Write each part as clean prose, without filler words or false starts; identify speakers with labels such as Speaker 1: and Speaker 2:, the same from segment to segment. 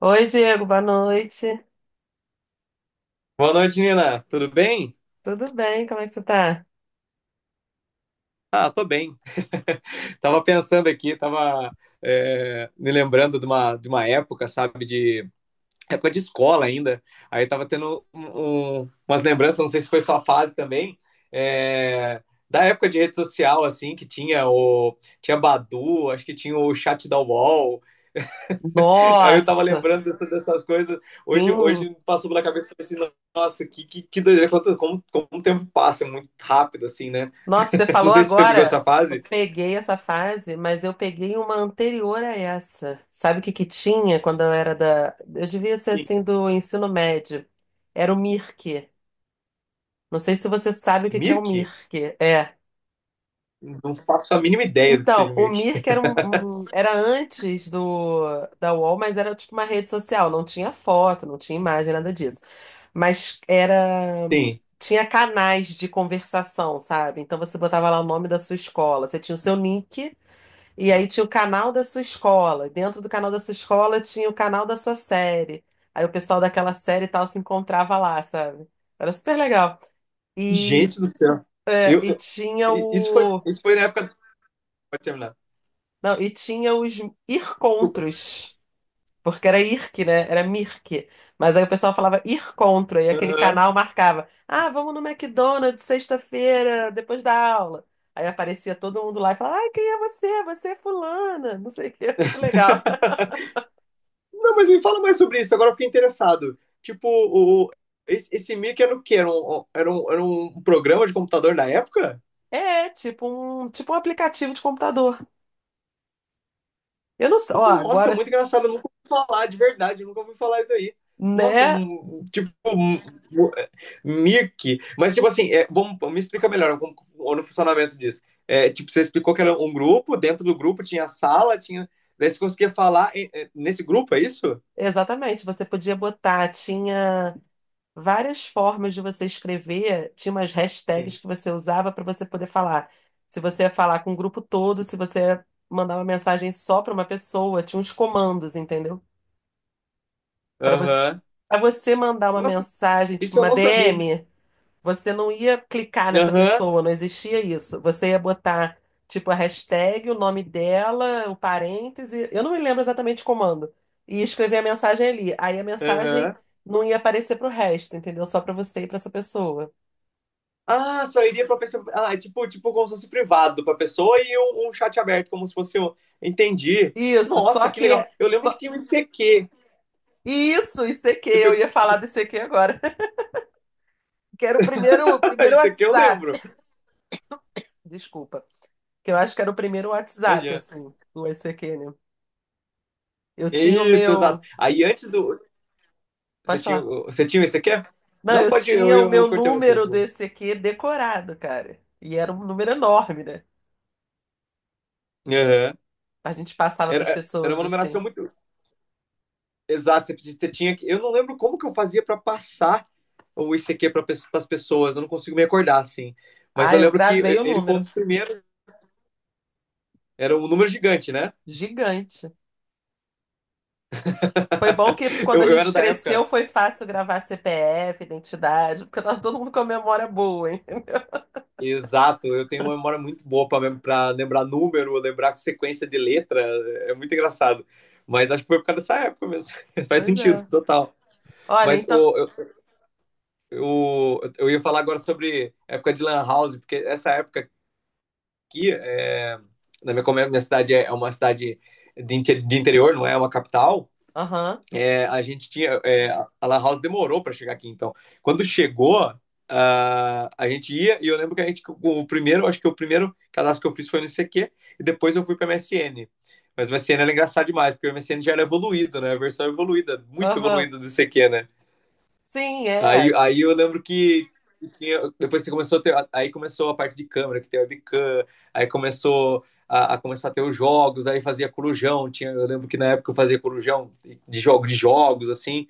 Speaker 1: Oi, Diego, boa noite.
Speaker 2: Boa noite, Nina. Tudo bem?
Speaker 1: Tudo bem? Como é que você tá?
Speaker 2: Ah, tô bem. Tava pensando aqui, me lembrando de uma época, sabe, de época de escola ainda. Aí tava tendo umas lembranças, não sei se foi sua fase também, é, da época de rede social, assim, que tinha o tinha Badu, acho que tinha o chat da UOL. Aí eu tava
Speaker 1: Nossa,
Speaker 2: lembrando dessas coisas. Hoje,
Speaker 1: sim.
Speaker 2: hoje passou pela cabeça e falei assim, nossa, que doideira, como o tempo passa é muito rápido, assim, né?
Speaker 1: Nossa, você
Speaker 2: Não
Speaker 1: falou
Speaker 2: sei se você pegou
Speaker 1: agora.
Speaker 2: essa
Speaker 1: Eu
Speaker 2: fase.
Speaker 1: peguei essa fase, mas eu peguei uma anterior a essa. Sabe o que que tinha quando eu era da. Eu devia ser assim
Speaker 2: Sim.
Speaker 1: do ensino médio. Era o MIRC. Não sei se você sabe o que que é o
Speaker 2: Mirk?
Speaker 1: MIRC. É.
Speaker 2: Não faço a mínima ideia do que
Speaker 1: Então,
Speaker 2: seja o
Speaker 1: o
Speaker 2: Mirk.
Speaker 1: Mirk era era antes do da UOL, mas era tipo uma rede social, não tinha foto, não tinha imagem, nada disso. Mas era
Speaker 2: Sim.
Speaker 1: tinha canais de conversação, sabe? Então você botava lá o nome da sua escola, você tinha o seu nick e aí tinha o canal da sua escola. Dentro do canal da sua escola tinha o canal da sua série. Aí o pessoal daquela série e tal se encontrava lá, sabe? Era super legal. E,
Speaker 2: Gente do céu.
Speaker 1: é,
Speaker 2: Eu,
Speaker 1: e
Speaker 2: eu-
Speaker 1: tinha o
Speaker 2: isso foi na época. Pode terminar.
Speaker 1: Não, e tinha os
Speaker 2: Desculpa.
Speaker 1: ircontros, porque era IRC, né? Era MIRC. Mas aí o pessoal falava ircontro, e aquele
Speaker 2: Aham.
Speaker 1: canal marcava: ah, vamos no McDonald's sexta-feira, depois da aula. Aí aparecia todo mundo lá e falava: ai, quem é você? Você é fulana, não sei o quê, muito legal.
Speaker 2: Não, mas me fala mais sobre isso, agora eu fiquei interessado. Tipo, esse Mirk era o quê? Era um, um, era um, era um programa de computador da época?
Speaker 1: É, tipo um aplicativo de computador. Eu não sei, ó,
Speaker 2: Nossa,
Speaker 1: agora,
Speaker 2: muito engraçado. Eu nunca ouvi falar, de verdade. Eu nunca ouvi falar isso aí. Nossa,
Speaker 1: né?
Speaker 2: tipo, Mirk. Mas, tipo assim, me explica melhor como, o funcionamento disso. Tipo, você explicou que era um grupo, dentro do grupo tinha sala, tinha. Daí você conseguia falar nesse grupo, é isso?
Speaker 1: Exatamente, você podia botar, tinha, várias formas de você escrever, tinha umas hashtags
Speaker 2: Sim.
Speaker 1: que você usava para você poder falar. Se você ia falar com o grupo todo, se você ia mandar uma mensagem só para uma pessoa, tinha uns comandos, entendeu? Para você,
Speaker 2: Aham.
Speaker 1: para você mandar uma
Speaker 2: Nossa,
Speaker 1: mensagem, tipo
Speaker 2: isso eu
Speaker 1: uma
Speaker 2: não sabia.
Speaker 1: DM. Você não ia clicar nessa
Speaker 2: Aham,
Speaker 1: pessoa, não existia isso. Você ia botar, tipo, a hashtag, o nome dela, o parêntese, eu não me lembro exatamente o comando. E ia escrever a mensagem ali. Aí a mensagem
Speaker 2: aham.
Speaker 1: não ia aparecer pro resto, entendeu? Só pra você e pra essa pessoa.
Speaker 2: Ah, só iria pra pessoa. Ah, é tipo como se fosse privado pra pessoa e um chat aberto, como se fosse. Entendi.
Speaker 1: Isso, só
Speaker 2: Nossa, que legal.
Speaker 1: que.
Speaker 2: Eu lembro que
Speaker 1: Só...
Speaker 2: tinha um ICQ.
Speaker 1: Isso, ICQ,
Speaker 2: Você
Speaker 1: eu
Speaker 2: pegou.
Speaker 1: ia falar do ICQ agora. Que era o primeiro, o primeiro
Speaker 2: ICQ eu
Speaker 1: WhatsApp.
Speaker 2: lembro.
Speaker 1: Desculpa. Que eu acho que era o primeiro WhatsApp,
Speaker 2: Imagina.
Speaker 1: assim, do ICQ, né? Eu tinha o
Speaker 2: Isso, exato.
Speaker 1: meu.
Speaker 2: Aí antes do. Você
Speaker 1: Pode
Speaker 2: tinha,
Speaker 1: falar.
Speaker 2: o- você tinha um ICQ?
Speaker 1: Não,
Speaker 2: Não,
Speaker 1: eu
Speaker 2: pode. Eu,
Speaker 1: tinha o
Speaker 2: eu, eu
Speaker 1: meu
Speaker 2: cortei você.
Speaker 1: número do ECQ decorado, cara. E era um número enorme, né?
Speaker 2: Aham.
Speaker 1: A gente passava para as
Speaker 2: Era
Speaker 1: pessoas
Speaker 2: uma
Speaker 1: assim.
Speaker 2: numeração muito. Exato, você tinha que. Eu não lembro como que eu fazia pra passar o ICQ para as pessoas. Eu não consigo me acordar assim. Mas
Speaker 1: Ah,
Speaker 2: eu
Speaker 1: eu
Speaker 2: lembro
Speaker 1: gravei
Speaker 2: que
Speaker 1: o
Speaker 2: ele foi um
Speaker 1: número.
Speaker 2: dos primeiros. Era um número gigante, né?
Speaker 1: Gigante. Foi bom que quando a
Speaker 2: Eu era
Speaker 1: gente
Speaker 2: da
Speaker 1: cresceu
Speaker 2: época.
Speaker 1: foi fácil gravar CPF, identidade, porque tava todo mundo com a memória boa, hein?
Speaker 2: Exato, eu tenho uma memória muito boa pra lembrar número, lembrar sequência de letra, é muito engraçado. Mas acho que foi por causa dessa época mesmo. Faz
Speaker 1: Pois
Speaker 2: sentido,
Speaker 1: é.
Speaker 2: total.
Speaker 1: Olha,
Speaker 2: Mas
Speaker 1: então.
Speaker 2: o, eu, eu, eu ia falar agora sobre a época de Lan House, porque essa época aqui, é, na minha, como é- minha cidade é uma cidade de interior, não é uma capital,
Speaker 1: Aham,
Speaker 2: a gente tinha. A La House demorou para chegar aqui, então. Quando chegou, a gente ia e eu lembro que a gente o primeiro acho que o primeiro cadastro que eu fiz foi no CQ e depois eu fui para MSN. Mas o MSN era engraçado demais porque o MSN já era evoluído, né? A versão evoluída, muito
Speaker 1: aham.
Speaker 2: evoluída, do CQ, né?
Speaker 1: Sim, é.
Speaker 2: Aí eu lembro que depois que começou a ter, aí começou a parte de câmera, que tem webcam, aí começou a começar a ter os jogos, aí fazia corujão, tinha, eu lembro que na época eu fazia corujão de jogos assim.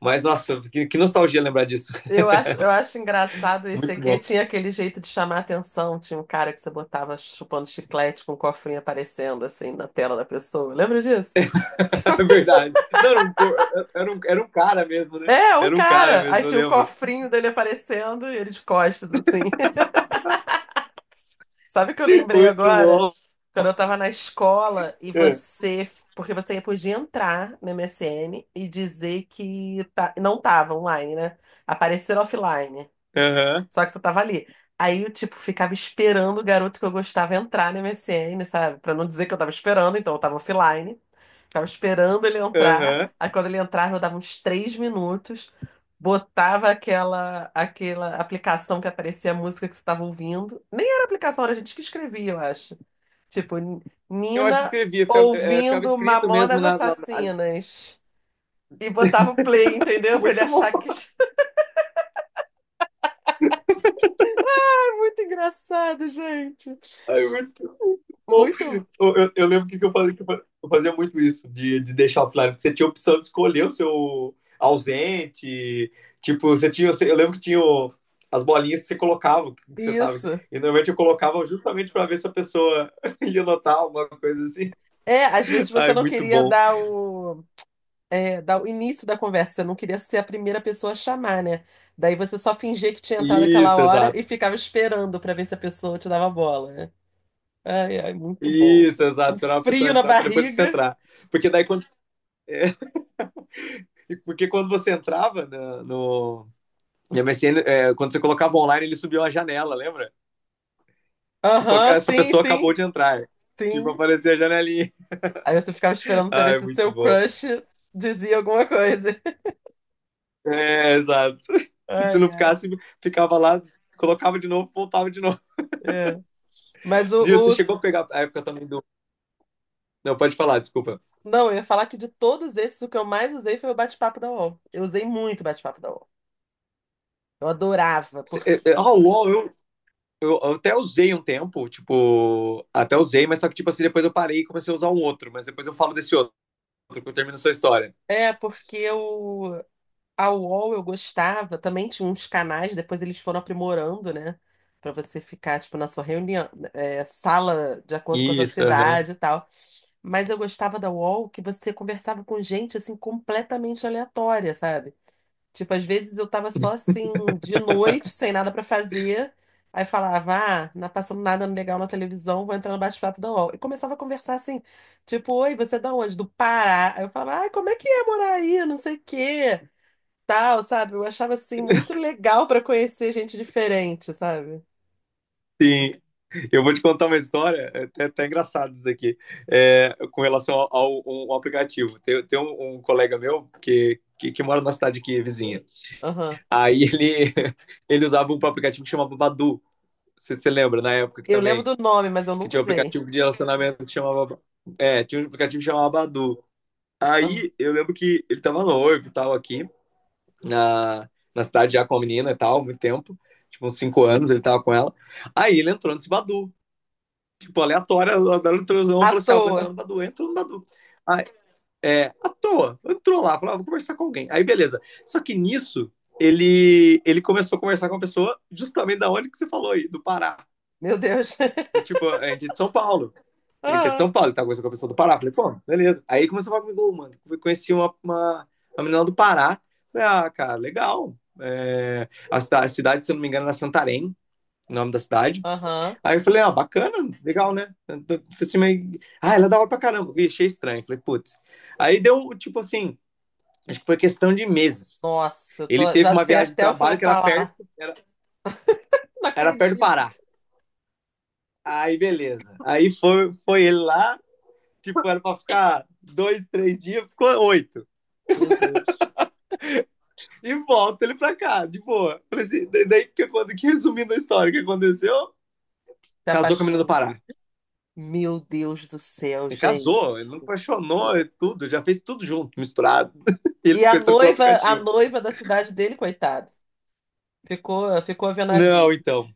Speaker 2: Mas nossa, que nostalgia lembrar disso.
Speaker 1: Eu acho engraçado esse
Speaker 2: Muito
Speaker 1: aqui.
Speaker 2: bom.
Speaker 1: Tinha aquele jeito de chamar atenção. Tinha um cara que você botava chupando chiclete com um cofrinho aparecendo assim na tela da pessoa. Lembra disso?
Speaker 2: É verdade. Não, era um cara mesmo, né?
Speaker 1: É, um
Speaker 2: Era um cara
Speaker 1: cara. Aí
Speaker 2: mesmo, eu
Speaker 1: tinha o
Speaker 2: lembro.
Speaker 1: cofrinho dele aparecendo e ele de costas, assim. Sabe o que eu lembrei
Speaker 2: Muito
Speaker 1: agora?
Speaker 2: bom.
Speaker 1: Quando eu tava na escola e
Speaker 2: É.
Speaker 1: você. Porque você podia entrar no MSN e dizer que tá- não tava online, né? Aparecer offline.
Speaker 2: Aham,
Speaker 1: Só que você tava ali. Aí eu, tipo, ficava esperando o garoto que eu gostava entrar no MSN, sabe? Pra não dizer que eu tava esperando, então eu tava offline. Ficava esperando ele entrar.
Speaker 2: aham.
Speaker 1: Aí quando ele entrava, eu dava uns três minutos, botava aquela aplicação que aparecia a música que você tava ouvindo. Nem era aplicação, era a gente que escrevia, eu acho. Tipo,
Speaker 2: Eu acho que
Speaker 1: Nina
Speaker 2: escrevia, ficava
Speaker 1: ouvindo
Speaker 2: escrito mesmo
Speaker 1: Mamonas
Speaker 2: na.
Speaker 1: Assassinas. E botava o play, entendeu? Pra ele
Speaker 2: Muito bom.
Speaker 1: achar que. É muito engraçado, gente.
Speaker 2: Aí eu,
Speaker 1: Muito.
Speaker 2: eu, eu- eu lembro que eu falei que eu fazia muito isso, de deixar offline, porque você tinha a opção de escolher o seu ausente, tipo, eu lembro que tinha as bolinhas que você colocava, que você tava,
Speaker 1: Isso.
Speaker 2: e normalmente eu colocava justamente para ver se a pessoa ia notar alguma coisa assim.
Speaker 1: É, às vezes você
Speaker 2: Ai,
Speaker 1: não
Speaker 2: muito
Speaker 1: queria
Speaker 2: bom.
Speaker 1: dar o início da conversa, você não queria ser a primeira pessoa a chamar, né? Daí você só fingia que tinha entrado aquela
Speaker 2: Isso,
Speaker 1: hora e
Speaker 2: exato.
Speaker 1: ficava esperando pra ver se a pessoa te dava bola, né? Ai, ai, muito bom.
Speaker 2: Isso, exato.
Speaker 1: Um
Speaker 2: Esperar a pessoa
Speaker 1: frio na
Speaker 2: entrar para depois você
Speaker 1: barriga.
Speaker 2: entrar. Porque daí quando, é, porque quando você entrava na- no, e a MSN, quando você colocava online, ele subia uma janela, lembra? Tipo,
Speaker 1: Aham,
Speaker 2: essa
Speaker 1: sim,
Speaker 2: pessoa acabou
Speaker 1: sim,
Speaker 2: de entrar. Tipo,
Speaker 1: sim.
Speaker 2: aparecia a janelinha.
Speaker 1: Aí você ficava esperando pra ver
Speaker 2: Ai,
Speaker 1: se o
Speaker 2: muito
Speaker 1: seu
Speaker 2: bom.
Speaker 1: crush dizia alguma coisa.
Speaker 2: É, exato. Se
Speaker 1: Ai,
Speaker 2: não
Speaker 1: ai.
Speaker 2: ficasse, ficava lá, colocava de novo, voltava de novo.
Speaker 1: É. Mas o,
Speaker 2: E você
Speaker 1: o-
Speaker 2: chegou a pegar a época também do. Não, pode falar, desculpa.
Speaker 1: Não, eu ia falar que de todos esses, o que eu mais usei foi o bate-papo da UOL. Eu usei muito o bate-papo da UOL. Eu adorava, porque
Speaker 2: Ah, o UOL, eu até usei um tempo, tipo, até usei, mas só que, tipo assim, depois eu parei e comecei a usar um outro, mas depois eu falo desse outro, que termina a sua história.
Speaker 1: é porque eu a UOL eu gostava, também tinha uns canais, depois eles foram aprimorando, né? Pra você ficar, tipo, na sua reunião, sala de acordo com a sua
Speaker 2: Isso, aham.
Speaker 1: cidade e tal. Mas eu gostava da UOL que você conversava com gente, assim, completamente aleatória, sabe? Tipo, às vezes eu tava só assim, de noite, sem nada pra fazer. Aí falava, ah, não tá passando nada legal na televisão, vou entrar no bate-papo da UOL. E começava a conversar assim, tipo, oi, você é da onde? Do Pará. Aí eu falava, ai, como é que é morar aí? Não sei o quê, tal, sabe? Eu achava assim, muito legal pra conhecer gente diferente, sabe?
Speaker 2: Sim, eu vou te contar uma história, é até engraçado isso aqui, com relação um aplicativo. Tem um colega meu que mora na cidade aqui, vizinha.
Speaker 1: Aham.
Speaker 2: Aí ele, ele usava um aplicativo que chamava Badu. Você lembra, na época que
Speaker 1: Eu lembro
Speaker 2: também,
Speaker 1: do nome, mas eu
Speaker 2: que
Speaker 1: nunca
Speaker 2: tinha um
Speaker 1: usei.
Speaker 2: aplicativo de relacionamento que chamava. Tinha um aplicativo que chamava Badu.
Speaker 1: Aham.
Speaker 2: Aí eu lembro que ele tava noivo e tal aqui, na, na cidade já com a menina e tal, há muito tempo. Tipo, uns 5 anos ele tava com ela. Aí ele entrou nesse Badu. Tipo, aleatória, andaram no transão,
Speaker 1: À
Speaker 2: falou assim, ah, vou entrar
Speaker 1: toa.
Speaker 2: no Badu, entrou no Badu. Aí, à toa, entrou lá, falou, ah, vou conversar com alguém. Aí, beleza. Só que nisso, ele começou a conversar com uma pessoa justamente da onde que você falou aí, do Pará.
Speaker 1: Meu Deus.
Speaker 2: E, tipo, a gente é de São Paulo. A gente é de
Speaker 1: Aham.
Speaker 2: São Paulo, ele tá conversando com a pessoa do Pará. Falei, pô, beleza. Aí começou a falar comigo, mano, conheci uma menina do Pará. Falei, ah, cara, legal. A cidade, se eu não me engano, era Santarém, o nome da cidade.
Speaker 1: Aham.
Speaker 2: Aí eu falei, ah, bacana, legal, né? Eu falei assim, mas. Ah, ela é da hora pra caramba. Vi, achei estranho. Falei, putz. Aí deu, tipo assim, acho que foi questão de meses.
Speaker 1: Nossa, eu
Speaker 2: Ele
Speaker 1: tô,
Speaker 2: teve
Speaker 1: já
Speaker 2: uma
Speaker 1: sei
Speaker 2: viagem de
Speaker 1: até o que você
Speaker 2: trabalho
Speaker 1: vai
Speaker 2: que era
Speaker 1: falar.
Speaker 2: perto, era,
Speaker 1: Não
Speaker 2: era perto do Pará.
Speaker 1: acredito.
Speaker 2: Aí, beleza. Aí foi ele lá, tipo, era pra ficar 2, 3 dias, ficou 8.
Speaker 1: Meu Deus.
Speaker 2: E volta ele pra cá, de boa. Falei assim, daí, resumindo a história, o que aconteceu?
Speaker 1: Se
Speaker 2: Casou com a menina do
Speaker 1: apaixona.
Speaker 2: Pará.
Speaker 1: Meu Deus do céu,
Speaker 2: Ele
Speaker 1: gente.
Speaker 2: casou, ele não apaixonou, é tudo, já fez tudo junto, misturado. E eles
Speaker 1: E
Speaker 2: se conheceram pelo
Speaker 1: a
Speaker 2: aplicativo.
Speaker 1: noiva da cidade dele, coitado, ficou, ficou vendo a
Speaker 2: Não,
Speaker 1: vida.
Speaker 2: então.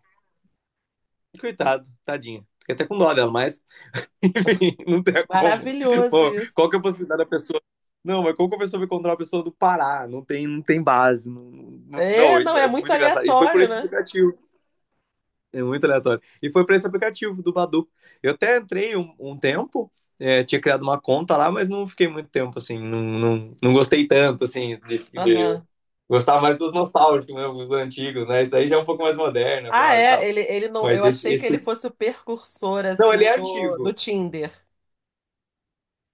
Speaker 2: Coitado, tadinha. Fiquei até com dó dela, mas, enfim, não tem como.
Speaker 1: Maravilhoso
Speaker 2: Pô,
Speaker 1: isso.
Speaker 2: qual que é a possibilidade da pessoa? Não, mas como que a pessoa vai encontrar uma pessoa do Pará? Não tem base. Não, não, não,
Speaker 1: É, não,
Speaker 2: é
Speaker 1: é
Speaker 2: é
Speaker 1: muito
Speaker 2: muito engraçado. E foi por
Speaker 1: aleatório,
Speaker 2: esse
Speaker 1: né?
Speaker 2: aplicativo. É muito aleatório. E foi por esse aplicativo do Badu. Eu até entrei um tempo, tinha criado uma conta lá, mas não fiquei muito tempo, assim. Não, não, não gostei tanto, assim, de.
Speaker 1: Aham.
Speaker 2: Gostava mais dos nostálgicos mesmo, dos antigos, né? Isso aí já é um
Speaker 1: É.
Speaker 2: pouco mais moderno
Speaker 1: Ah,
Speaker 2: agora e
Speaker 1: é,
Speaker 2: tal.
Speaker 1: ele não,
Speaker 2: Mas
Speaker 1: eu
Speaker 2: esse,
Speaker 1: achei que ele
Speaker 2: esse...
Speaker 1: fosse o precursor
Speaker 2: Não, ele
Speaker 1: assim
Speaker 2: é
Speaker 1: do,
Speaker 2: antigo.
Speaker 1: Tinder.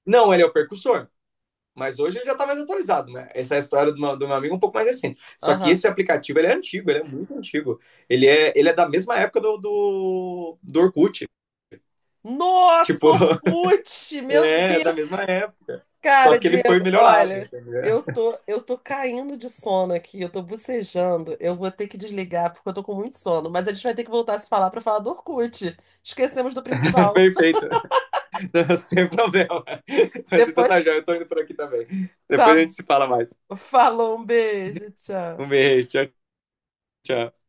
Speaker 2: Não, ele é o percussor. Mas hoje ele já tá mais atualizado, né? Essa é a história do meu amigo um pouco mais recente. Só que
Speaker 1: Aham.
Speaker 2: esse aplicativo, ele é antigo, ele é muito antigo. Ele é da mesma época do Orkut.
Speaker 1: Nossa,
Speaker 2: Tipo,
Speaker 1: Orkut! Meu
Speaker 2: é da
Speaker 1: Deus!
Speaker 2: mesma época. Só
Speaker 1: Cara,
Speaker 2: que ele foi
Speaker 1: Diego,
Speaker 2: melhorado,
Speaker 1: olha,
Speaker 2: entendeu?
Speaker 1: eu tô caindo de sono aqui, eu tô bocejando. Eu vou ter que desligar porque eu tô com muito sono, mas a gente vai ter que voltar a se falar pra falar do Orkut. Esquecemos do principal.
Speaker 2: Perfeito. Sem problema. Mas então tá
Speaker 1: Depois,
Speaker 2: já, eu tô indo por aqui também. Depois a
Speaker 1: tá,
Speaker 2: gente se fala mais.
Speaker 1: falou, um beijo, tchau.
Speaker 2: Um beijo, tchau, tchau.